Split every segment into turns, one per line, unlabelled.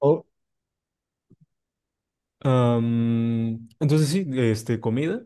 Oh,
Entonces sí, este, comida.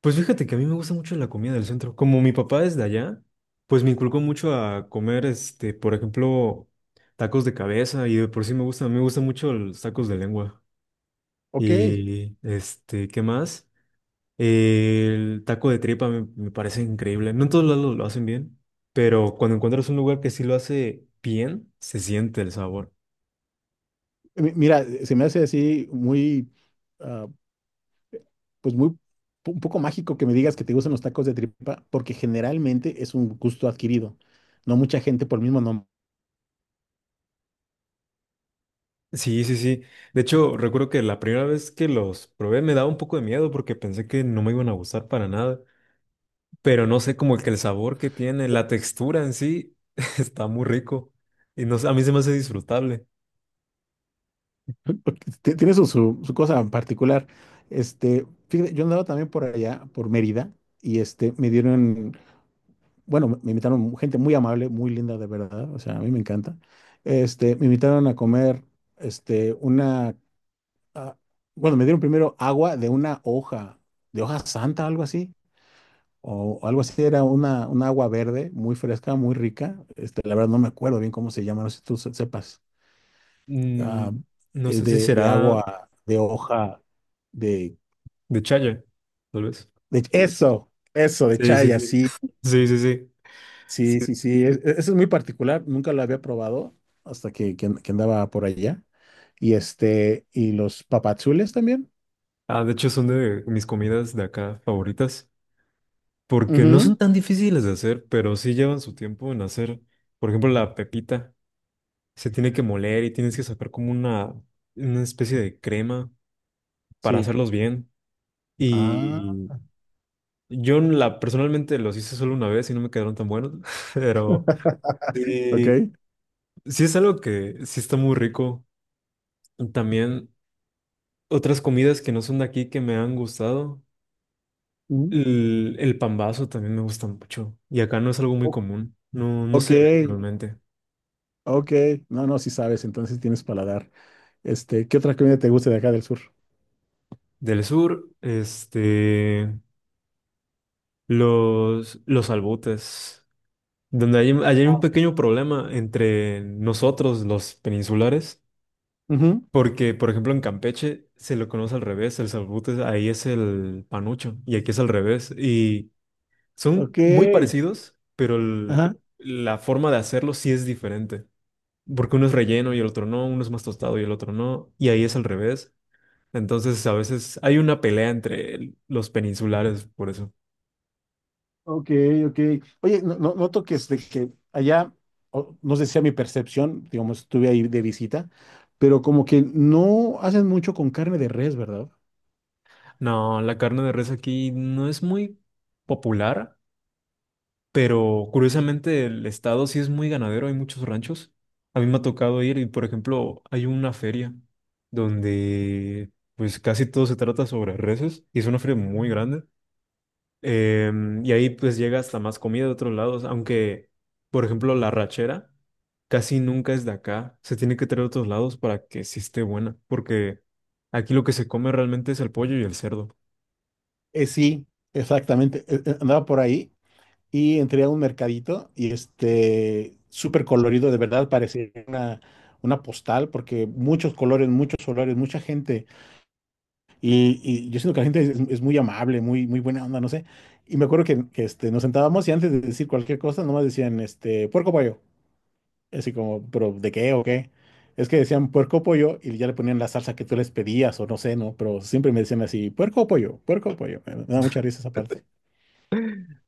Pues fíjate que a mí me gusta mucho la comida del centro. Como mi papá es de allá, pues me inculcó mucho a comer, este, por ejemplo, tacos de cabeza y de por sí me gusta, me gustan mucho los tacos de lengua.
ok.
Y, este, ¿qué más? El taco de tripa me parece increíble. No en todos lados lo hacen bien, pero cuando encuentras un lugar que sí lo hace bien, se siente el sabor.
Mira, se me hace así muy, ah, pues muy, un poco mágico que me digas que te gustan los tacos de tripa, porque generalmente es un gusto adquirido. No mucha gente por el mismo nombre,
Sí, sí, sí. De hecho, recuerdo que la primera vez que los probé me daba un poco de miedo porque pensé que no me iban a gustar para nada. Pero no sé, como que el sabor que tiene, la textura en sí, está muy rico. Y no sé, a mí se me hace disfrutable.
porque tiene su, su, su cosa en particular. Fíjate, yo andaba también por allá, por Mérida, y me dieron, bueno, me invitaron gente muy amable, muy linda de verdad, o sea, a mí me encanta. Me invitaron a comer, una ah, bueno, me dieron primero agua de una hoja, de hoja santa, algo así, o algo así, era una agua verde, muy fresca, muy rica. La verdad no me acuerdo bien cómo se llama, no sé si tú sepas.
Mm,
Ah,
no
es
sé si
de
será
agua, de hoja, de,
de chaya, tal vez.
de... Eso, de
Sí, sí,
chaya,
sí.
sí,
Sí, sí, sí. Sí.
sí, sí, sí. Eso es muy particular, nunca lo había probado hasta que andaba por allá. Y y los papazules también.
Ah, de hecho, son de mis comidas de acá favoritas porque no son
Ujú,
tan difíciles de hacer, pero sí llevan su tiempo en hacer. Por ejemplo, la pepita. Se tiene que moler y tienes que sacar como una especie de crema para
sí.
hacerlos bien.
Ah,
Y yo la, personalmente los hice solo una vez y no me quedaron tan buenos, pero
ok.
sí, sí es algo que sí está muy rico. También otras comidas que no son de aquí que me han gustado. El pambazo también me gusta mucho y acá no es algo muy
O-
común, no, no
Ok,
se ve normalmente.
ok. No, no, si sabes, entonces tienes paladar. ¿Qué otra comida te gusta de acá del sur?
Del sur, este, los albutes. Donde hay, ahí hay un pequeño problema entre nosotros, los peninsulares,
Ujú,
porque, por ejemplo, en Campeche se lo conoce al revés, el salbute ahí es el panucho y aquí es al revés. Y son
ok,
muy parecidos, pero el-
ajá,
la forma de hacerlo sí es diferente, porque uno es relleno y el otro no, uno es más tostado y el otro no, y ahí es al revés. Entonces, a veces hay una pelea entre el- los peninsulares por eso.
ok, ok. Oye, no, noto que, que allá, no sé si a mi percepción, digamos, estuve ahí de visita, pero como que no hacen mucho con carne de res, ¿verdad?
No, la carne de res aquí no es muy popular. Pero curiosamente el estado sí es muy ganadero, hay muchos ranchos. A mí me ha tocado ir y, por ejemplo, hay una feria donde pues casi todo se trata sobre reses y es una feria muy grande. Y ahí pues llega hasta más comida de otros lados, aunque, por ejemplo, la rachera casi nunca es de acá, se tiene que traer de otros lados para que sí esté buena, porque aquí lo que se come realmente es el pollo y el cerdo.
Sí, exactamente. Andaba por ahí y entré a un mercadito y súper colorido, de verdad, parecía una postal porque muchos colores, muchos olores, mucha gente. Y yo siento que la gente es muy amable, muy, muy buena onda, no sé. Y me acuerdo que nos sentábamos y antes de decir cualquier cosa, nomás decían, puerco pollo. Así como, pero ¿de qué o qué? Es que decían puerco pollo y ya le ponían la salsa que tú les pedías o no sé, ¿no? Pero siempre me decían así, puerco o pollo, puerco o pollo. Me da mucha risa esa parte.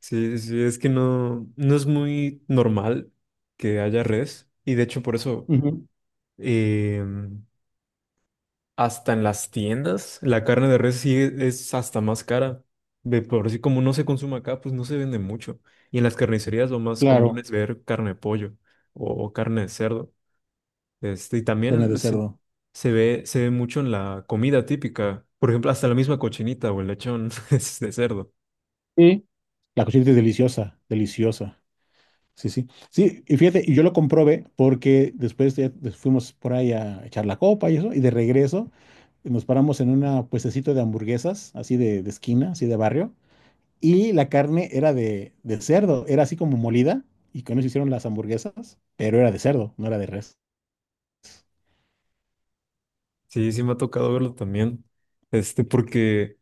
Sí, sí, es que no, no es muy normal que haya res y de hecho por eso
Ujú,
eh, hasta en las tiendas la carne de res sí es hasta más cara. De por sí como no se consume acá, pues no se vende mucho. Y en las carnicerías lo más común
claro.
es ver carne de pollo o carne de cerdo. Este, y
Carne de
también
cerdo.
se ve mucho en la comida típica. Por ejemplo, hasta la misma cochinita o el lechón es de cerdo.
Sí, la cochinita es deliciosa, deliciosa. Sí, sí. Sí, y fíjate, y yo lo comprobé porque después ya fuimos por ahí a echar la copa y eso, y de regreso nos paramos en una puestecito de hamburguesas, así de esquina, así de barrio, y la carne era de cerdo, era así como molida, y con eso hicieron las hamburguesas, pero era de cerdo, no era de res.
Sí, sí me ha tocado verlo también. Este, porque...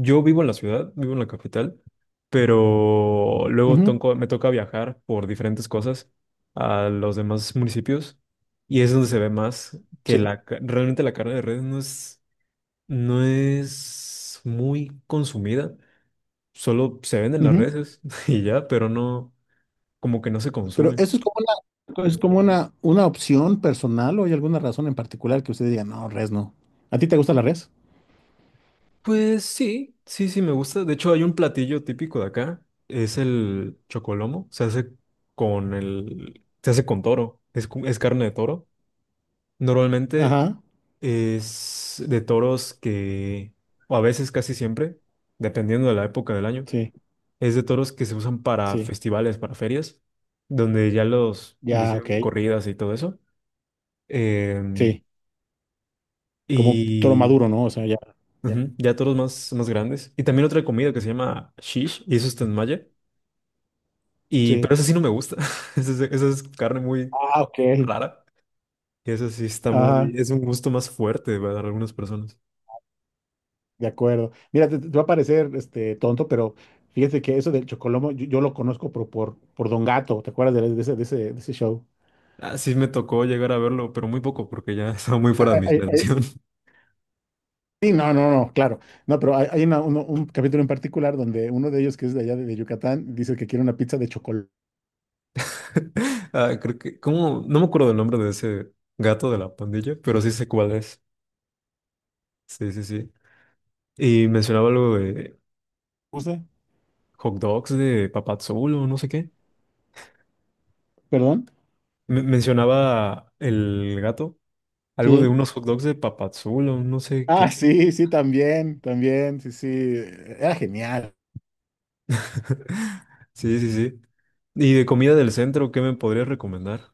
Yo vivo en la ciudad, vivo en la capital, pero luego
Ujú,
tonco- me toca viajar por diferentes cosas a los demás municipios y es donde se ve más que
sí.
la, ca- realmente la carne de res no es, no es muy consumida, solo se venden las
Ujú.
reses y ya, pero no, como que no se
Pero
consume.
eso es como una opción personal o hay alguna razón en particular que usted diga, no, res no. ¿A ti te gusta la res?
Pues sí, sí, sí, me gusta. De hecho, hay un platillo típico de acá, es el chocolomo, se hace con el, se hace con toro, es, cu- es carne de toro. Normalmente
Ajá.
es de toros que, o a veces casi siempre, dependiendo de la época del año,
Sí,
es de toros que se usan para
sí,
festivales, para ferias, donde ya los le
ya, ok.
hicieron corridas y todo eso. Em,
Sí, como toro
y
maduro, ¿no? O sea, ya. Ya.
ujú, ya toros más, más grandes. Y también otra comida que se llama shish, y eso está en malla. Y, pero
Sí.
eso sí no me gusta. Esa es carne muy
Ah, ok.
rara. Y eso sí está
Ajá,
muy, es un gusto más fuerte para algunas personas.
de acuerdo. Mira, te va a parecer tonto, pero fíjate que eso del Chocolomo, yo lo conozco por Don Gato, ¿te acuerdas de ese, de ese, de ese show?
Ah, sí me tocó llegar a verlo, pero muy poco porque ya estaba muy
Ah,
fuera de
ah,
mi
ah, ah,
generación.
Sí, no, no, no, claro. No, pero hay, un capítulo en particular donde uno de ellos, que es de allá de Yucatán, dice que quiere una pizza de chocolate.
Ah, creo que, ¿cómo? No me acuerdo del nombre de ese gato de la pandilla, pero sí sé cuál es. Sí, sí, sí. Y mencionaba algo de hot dogs de Papadzul o no sé qué.
¿Perdón?
Mencionaba el gato, algo de
Sí.
unos hot dogs de Papadzul o no sé
Ah,
qué.
sí, sí, también, también, sí, sí. Era genial.
Sí, sí, sí. Y de comida del centro, ¿qué me podrías recomendar?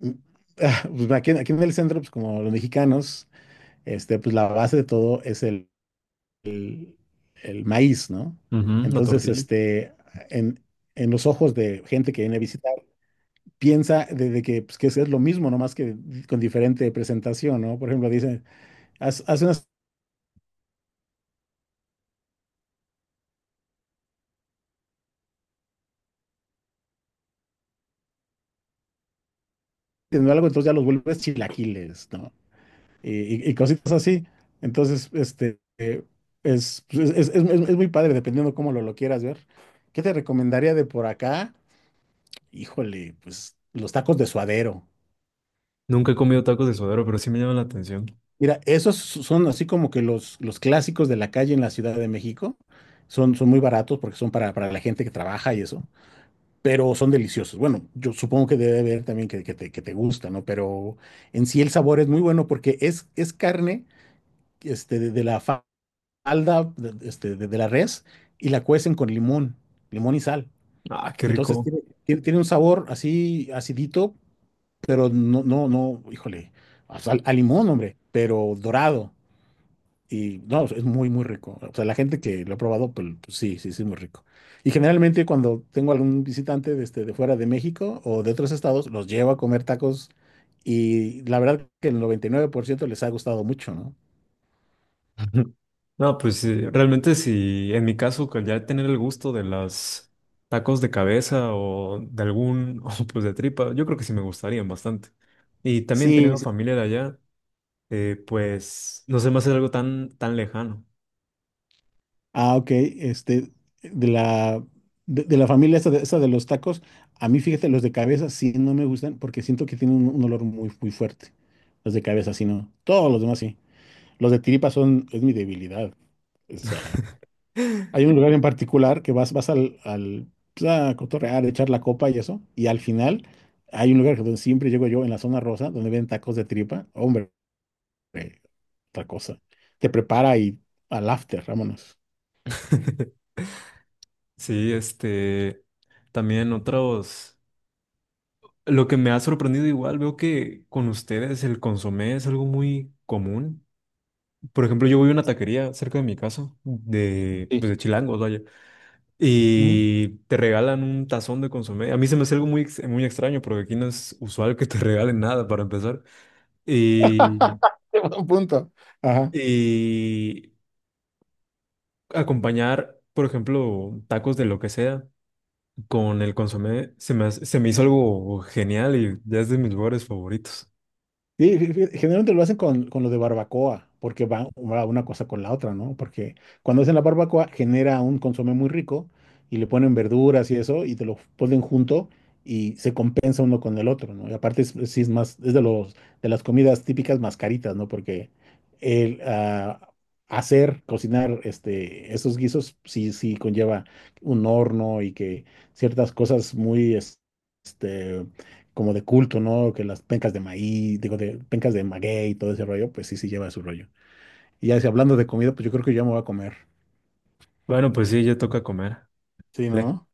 Mm, ah, pues aquí, aquí en el centro, pues como los mexicanos, pues la base de todo es el- el maíz, ¿no?
Ujú, la
Entonces,
tortilla.
en, en los ojos de gente que viene a visitar, piensa de que, pues, que es lo mismo, no más que con diferente presentación, ¿no? Por ejemplo, dicen, haz teniendo algo, entonces ya los vuelves chilaquiles, ¿no? Y, y cositas así. Entonces, es, pues, es muy padre, dependiendo cómo lo quieras ver. ¿Qué te recomendaría de por acá? Híjole, pues los tacos de suadero.
Nunca he comido tacos de suadero, pero sí me llama la atención.
Mira, esos son así como que los clásicos de la calle en la Ciudad de México. Son, son muy baratos porque son para la gente que trabaja y eso, pero son deliciosos. Bueno, yo supongo que debe haber también que te gusta, ¿no? Pero en sí el sabor es muy bueno porque es carne de la falda de, de la res y la cuecen con limón, limón y sal.
Ah, qué
Entonces
rico.
tiene, tiene un sabor así acidito, pero no, no, no, híjole, o sea, a limón, hombre, pero dorado. Y no, es muy, muy rico. O sea, la gente que lo ha probado, pues, pues sí, sí, sí, es muy rico. Y generalmente cuando tengo algún visitante de, de fuera de México o de otros estados, los llevo a comer tacos y la verdad que el 99% les ha gustado mucho, ¿no?
Ujú. No, pues sí, realmente si en mi caso, que ya tener el gusto de las tacos de cabeza o de algún, o pues de tripa, yo creo que sí me gustarían bastante. Y también
Sí,
teniendo familia de allá, pues no se me hace algo tan, tan lejano.
ah, ok. De la, de la familia esa de los tacos, a mí fíjate, los de cabeza sí no me gustan porque siento que tienen un olor muy, muy fuerte. Los de cabeza sí no. Todos los demás sí. Los de tiripa son, es mi debilidad. O sea, hay un lugar en particular que vas, vas al, al pues, a cotorrear, echar la copa y eso, y al final hay un lugar donde siempre llego yo, en la zona rosa, donde ven tacos de tripa. Hombre, eh, otra cosa. Te prepara y al after, vámonos.
Sí, este, también otros, lo que me ha sorprendido igual, veo que con ustedes el consomé es algo muy común. Por ejemplo, yo voy a una taquería cerca de mi casa, de, pues
Sí.
de Chilangos, vaya. Y te regalan un tazón de consomé. A mí se me hace algo muy, ex- muy extraño porque aquí no es usual que te regalen nada para empezar. Y,
Buen punto. Ajá.
y acompañar, por ejemplo, tacos de lo que sea con el consomé se me, hace- se me hizo algo genial y ya es de mis lugares favoritos.
Sí, generalmente lo hacen con lo de barbacoa, porque va una cosa con la otra, ¿no? Porque cuando hacen la barbacoa genera un consomé muy rico y le ponen verduras y eso y te lo ponen junto y se compensa uno con el otro, ¿no? Y aparte es, sí es más, es de los, de las comidas típicas más caritas, ¿no? Porque el ah, hacer, cocinar esos guisos sí, sí conlleva un horno y que ciertas cosas muy... como de culto, ¿no? Que las pencas de maíz, digo, de pencas de maguey y todo ese rollo, pues sí, sí lleva su rollo. Y ya si hablando de comida, pues yo creo que yo me voy a comer.
Bueno, pues sí, ya toca comer.
Sí, ¿no?